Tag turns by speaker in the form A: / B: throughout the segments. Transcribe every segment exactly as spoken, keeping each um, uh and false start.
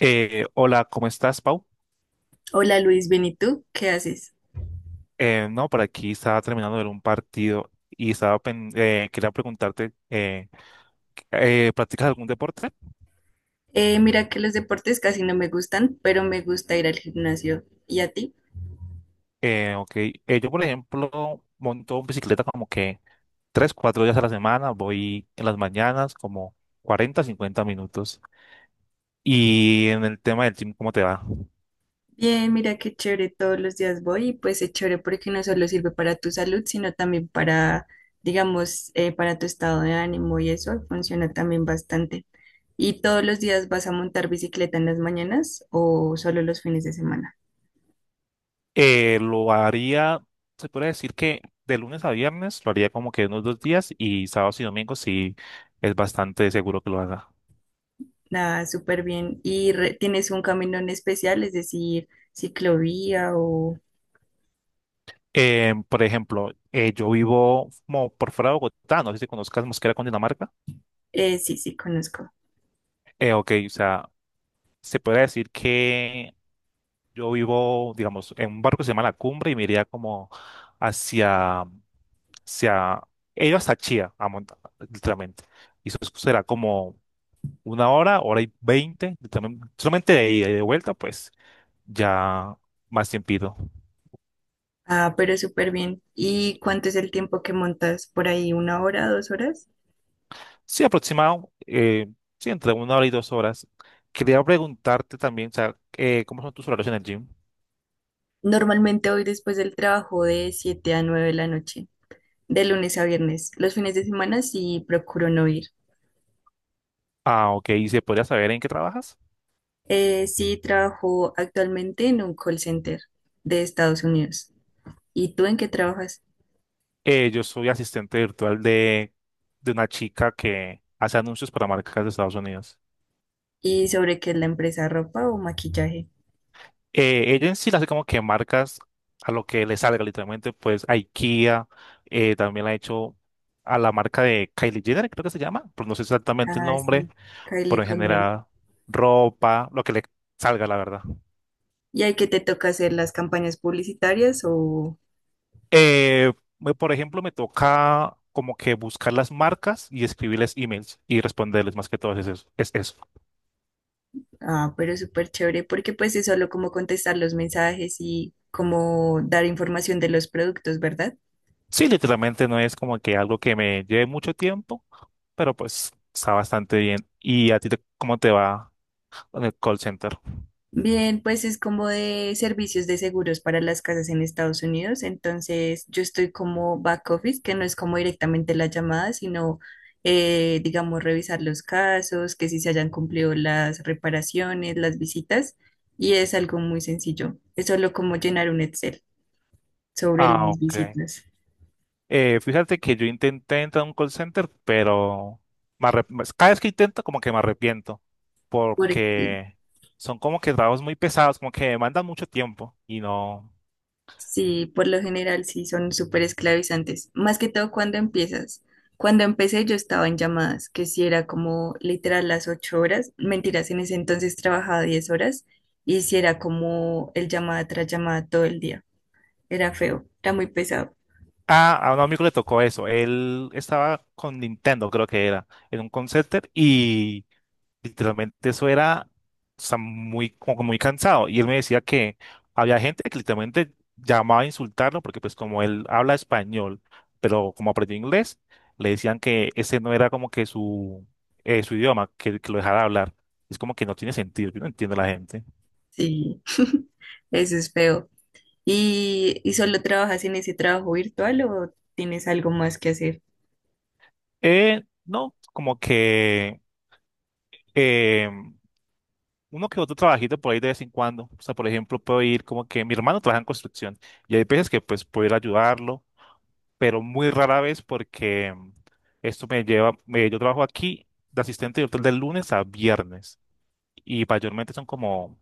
A: Eh, hola, ¿cómo estás, Pau?
B: Hola Luis, bien, ¿y tú? ¿Qué haces?
A: Eh, no, por aquí estaba terminando de ver un partido y estaba pen- eh, quería preguntarte, eh, eh, ¿practicas algún deporte?
B: Eh, mira que los deportes casi no me gustan, pero me gusta ir al gimnasio. ¿Y a ti?
A: Eh, ok, eh, yo por ejemplo monto bicicleta como que tres, cuatro días a la semana, voy en las mañanas como cuarenta, cincuenta minutos. Y en el tema del gym, ¿cómo te va?
B: Bien, mira qué chévere, todos los días voy y pues es chévere porque no solo sirve para tu salud, sino también para, digamos, eh, para tu estado de ánimo y eso funciona también bastante. ¿Y todos los días vas a montar bicicleta en las mañanas o solo los fines de semana?
A: Eh, lo haría, se puede decir que de lunes a viernes lo haría como que unos dos días y sábados y domingos sí es bastante seguro que lo haga.
B: Nada, súper bien. ¿Y re- tienes un camino en especial, es decir, ciclovía o...
A: Eh, por ejemplo, eh, yo vivo como por fuera de Bogotá, no sé si conozcas Mosquera, Dinamarca.
B: Eh, sí, sí, conozco.
A: Eh, ok, o sea, se puede decir que yo vivo, digamos, en un barco que se llama La Cumbre y me iría como hacia, hacia, he ido hasta Chía, a monta- literalmente. Y eso será como una hora, hora y veinte, solamente de ida y de vuelta, pues ya más tiempito.
B: Ah, pero súper bien. ¿Y cuánto es el tiempo que montas? ¿Por ahí una hora, dos horas?
A: Sí, aproximado, eh, sí, entre una hora y dos horas. Quería preguntarte también, o sea, eh, ¿cómo son tus horarios en el gym?
B: Normalmente hoy después del trabajo de siete a nueve de la noche, de lunes a viernes. Los fines de semana sí procuro no ir.
A: Ah, ok, ¿y se podría saber en qué trabajas?
B: Eh, sí, trabajo actualmente en un call center de Estados Unidos. ¿Y tú en qué trabajas?
A: Eh, yo soy asistente virtual de, de una chica que hace anuncios para marcas de Estados Unidos.
B: ¿Y sobre qué es la empresa, ropa o maquillaje?
A: Eh, ella en sí le hace como que marcas a lo que le salga, literalmente, pues IKEA, eh, también la ha hecho a la marca de Kylie Jenner, creo que se llama, pero no sé exactamente el
B: Ah,
A: nombre,
B: sí, Kylie
A: pero en
B: con Mary.
A: general ropa, lo que le salga, la verdad.
B: ¿Y hay que te toca hacer las campañas publicitarias o...
A: Eh, me- por ejemplo, me toca como que buscar las marcas y escribirles emails y responderles, más que todo es eso. Es eso.
B: Ah, pero súper chévere, porque pues es solo como contestar los mensajes y como dar información de los productos, ¿verdad?
A: Sí, literalmente no es como que algo que me lleve mucho tiempo, pero pues está bastante bien. ¿Y a ti te- cómo te va en el call center?
B: Bien, pues es como de servicios de seguros para las casas en Estados Unidos, entonces yo estoy como back office, que no es como directamente la llamada, sino eh, digamos revisar los casos, que si se hayan cumplido las reparaciones, las visitas, y es algo muy sencillo, es solo como llenar un Excel sobre
A: Ah,
B: las
A: ok.
B: visitas.
A: Eh, fíjate que yo intenté entrar a un call center, pero me arrep- pues, cada vez que intento como que me arrepiento,
B: Porque.
A: porque son como que trabajos muy pesados, como que demandan mucho tiempo y no...
B: Sí, por lo general sí son súper esclavizantes. Más que todo cuando empiezas. Cuando empecé yo estaba en llamadas, que sí era como literal las ocho horas. Mentiras, en ese entonces trabajaba diez horas y sí era como el llamada tras llamada todo el día. Era feo, era muy pesado.
A: Ah, a un amigo le tocó eso, él estaba con Nintendo, creo que era, en un call center y literalmente eso era, o sea, muy, como que muy cansado. Y él me decía que había gente que literalmente llamaba a insultarlo porque pues como él habla español, pero como aprendió inglés, le decían que ese no era como que su, eh, su idioma, que, que lo dejara hablar. Es como que no tiene sentido, yo no entiendo a la gente.
B: Sí, eso es feo. ¿Y, y solo trabajas en ese trabajo virtual o tienes algo más que hacer
A: Eh, no, como que eh, uno que otro trabajito por ahí de vez en cuando. O sea, por ejemplo, puedo ir como que mi hermano trabaja en construcción y hay veces que pues puedo ir a ayudarlo, pero muy rara vez porque mm, esto me lleva, me- yo trabajo aquí de asistente de hotel de lunes a viernes y mayormente son como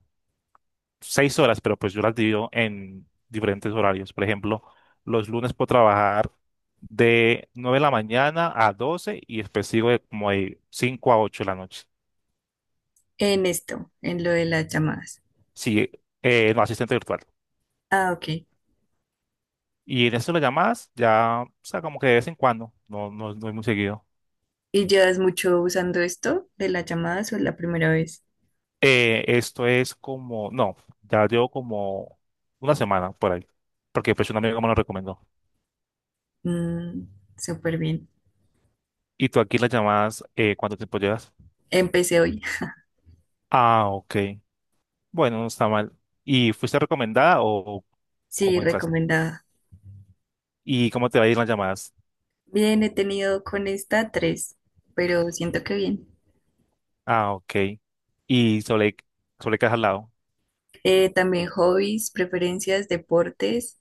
A: seis horas, pero pues yo las divido en diferentes horarios. Por ejemplo, los lunes puedo trabajar de nueve de la mañana a doce y después sigo de como de cinco a ocho de la noche.
B: en esto, en lo de las llamadas?
A: Sí, eh, no, asistente virtual.
B: Ah, ok.
A: Y en eso las llamadas ya, o sea, como que de vez en cuando, no, no, no es muy seguido.
B: ¿Y llevas mucho usando esto de las llamadas o es la primera vez?
A: Eh, esto es como, no, ya llevo como una semana por ahí, porque pues un amigo me lo recomendó.
B: Mm, súper bien.
A: ¿Y tú aquí las llamadas, eh, cuánto tiempo llevas?
B: Empecé hoy.
A: Ah, ok. Bueno, no está mal. ¿Y fuiste recomendada o o
B: Sí, bueno,
A: cómo entras?
B: recomendada.
A: ¿Y cómo te va a ir las llamadas?
B: Bien, he tenido con esta tres, pero siento que bien.
A: Ah, ok. ¿Y sobre, sobre qué has hablado?
B: Eh, también hobbies, preferencias, deportes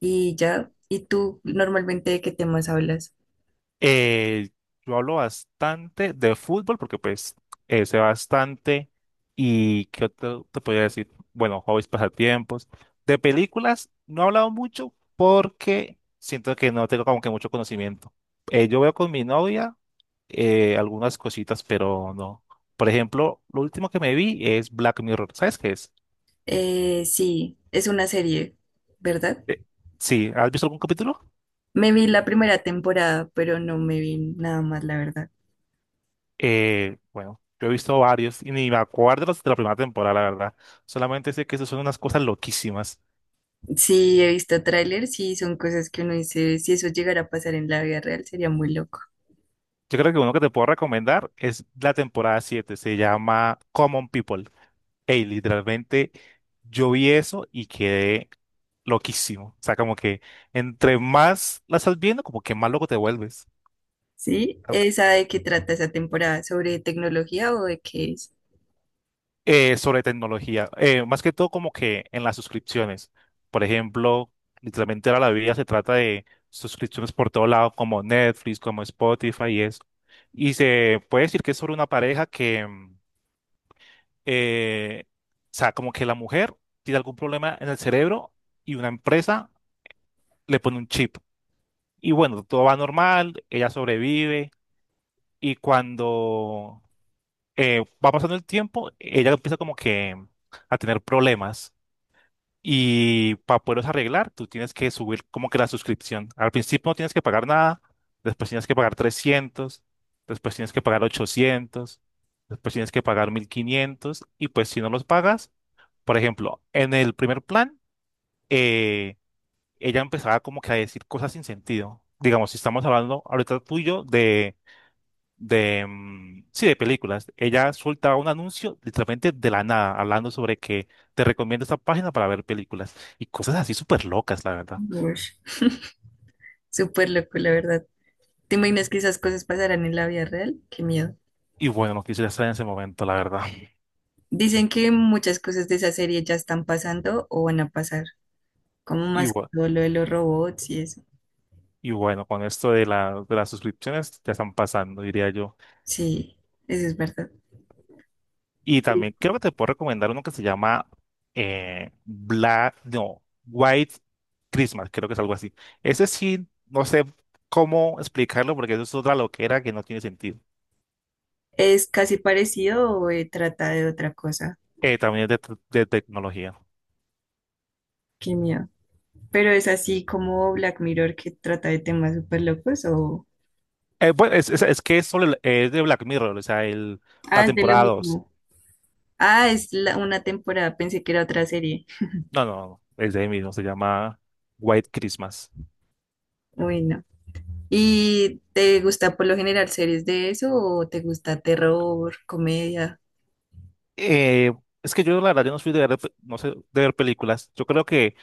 B: y ya. ¿Y tú normalmente de qué temas hablas?
A: Eh, yo hablo bastante de fútbol porque pues eh, sé bastante y qué otro te podría decir, bueno, hobbies, pasatiempos. De películas no he hablado mucho porque siento que no tengo como que mucho conocimiento. Eh, yo veo con mi novia eh, algunas cositas, pero no. Por ejemplo, lo último que me vi es Black Mirror. ¿Sabes qué es?
B: Eh, sí, es una serie, ¿verdad?
A: Eh, sí, ¿has visto algún capítulo?
B: Me vi la primera temporada, pero no me vi nada más, la verdad.
A: Eh, bueno, yo he visto varios y ni me acuerdo los de la primera temporada, la verdad. Solamente sé que eso son unas cosas loquísimas.
B: Sí, he visto trailers y son cosas que uno dice, si eso llegara a pasar en la vida real, sería muy loco.
A: Yo creo que uno que te puedo recomendar es la temporada siete. Se llama Common People. Ey, literalmente yo vi eso y quedé loquísimo. O sea, como que entre más la estás viendo, como que más loco te vuelves.
B: ¿Sí? ¿Esa de qué trata esa temporada? ¿Sobre tecnología o de qué es?
A: Eh, sobre tecnología, eh, más que todo como que en las suscripciones. Por ejemplo, literalmente ahora la vida se trata de suscripciones por todo lado, como Netflix, como Spotify y eso. Y se puede decir que es sobre una pareja que, mm, eh, o sea, como que la mujer tiene algún problema en el cerebro y una empresa le pone un chip. Y bueno, todo va normal, ella sobrevive y cuando eh, va pasando el tiempo, ella empieza como que a tener problemas. Y para poderlos arreglar, tú tienes que subir como que la suscripción. Al principio no tienes que pagar nada, después tienes que pagar trescientos, después tienes que pagar ochocientos, después tienes que pagar mil quinientos y pues si no los pagas, por ejemplo, en el primer plan, eh, ella empezaba como que a decir cosas sin sentido. Digamos, si estamos hablando ahorita tú y tuyo de, mm, sí, de películas. Ella soltaba un anuncio literalmente de la nada, hablando sobre que te recomiendo esta página para ver películas y cosas así súper locas, la verdad.
B: Ush, súper loco, la verdad. ¿Te imaginas que esas cosas pasarán en la vida real? Qué miedo.
A: Y bueno, no quisiera estar en ese momento, la verdad.
B: Dicen que muchas cosas de esa serie ya están pasando o van a pasar, como
A: Y,
B: más que
A: bu-
B: todo lo de los robots y eso.
A: y bueno, con esto de, la, de las suscripciones ya están pasando, diría yo.
B: Sí, eso es verdad.
A: Y también creo que te puedo recomendar uno que se llama eh, Black, no, White Christmas, creo que es algo así. Ese sí, no sé cómo explicarlo porque eso es otra loquera que no tiene sentido.
B: ¿Es casi parecido o eh, trata de otra cosa?
A: Eh, también es de, te- de tecnología.
B: Qué miedo. Pero es así como Black Mirror que trata de temas súper locos o...
A: Eh, bueno, es, es, es que es, solo el- es de Black Mirror, o sea, el, la
B: Ah, es de lo
A: temporada dos.
B: mismo. Ah, es la- una temporada, pensé que era otra serie.
A: No, no, no, es de ahí mismo, se llama White Christmas.
B: Bueno. ¿Y te gusta por lo general series de eso o te gusta terror, comedia?
A: Eh, es que yo, la verdad, yo no soy de ver, no sé, de ver películas. Yo creo que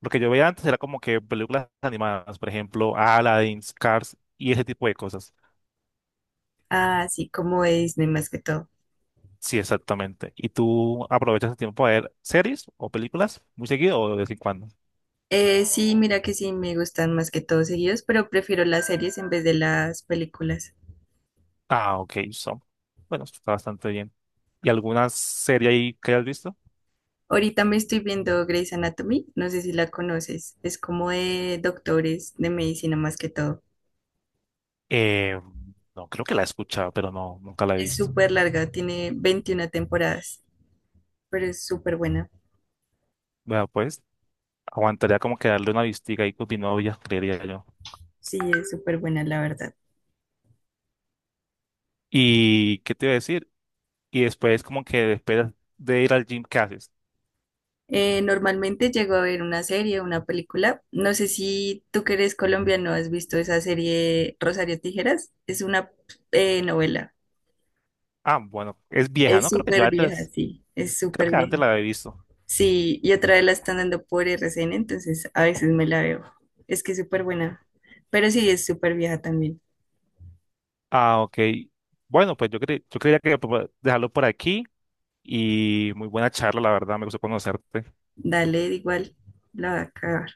A: lo que yo veía antes era como que películas animadas, por ejemplo, Aladdin, Cars y ese tipo de cosas.
B: Ah, sí, como de Disney más que todo.
A: Sí, exactamente. ¿Y tú aprovechas el tiempo a ver series o películas muy seguido o de vez en cuando?
B: Eh, sí, mira que sí, me gustan más que todo seguidos, pero prefiero las series en vez de las películas.
A: Ah, ok, so. Bueno, esto está bastante bien. ¿Y alguna serie ahí que hayas visto?
B: Ahorita me estoy viendo Grey's Anatomy, no sé si la conoces, es como de doctores de medicina más que todo.
A: Eh, no, creo que la he escuchado, pero no, nunca la he
B: Es
A: visto.
B: súper larga, tiene veintiuna temporadas, pero es súper buena.
A: Bueno, pues aguantaría como que darle una vistiga ahí con mi novia, creería yo.
B: Sí, es súper buena, la verdad.
A: ¿Y qué te iba a decir? Y después como que después de ir al gym, ¿qué haces?
B: Eh, normalmente llego a ver una serie, una película. No sé si tú que eres colombiano has visto esa serie Rosario Tijeras. Es una eh, novela.
A: Ah, bueno, es vieja,
B: Es
A: ¿no? Creo que yo
B: súper vieja,
A: antes,
B: sí, es
A: creo
B: súper
A: que
B: vieja.
A: antes la había visto.
B: Sí, y otra vez la están dando por R C N entonces a veces me la veo. Es que es súper buena, pero sí, es súper vieja también.
A: Ah, ok. Bueno, pues yo, cre- yo creía que po- dejarlo por aquí y muy buena charla, la verdad, me gustó conocerte.
B: Dale, igual, la va a acabar.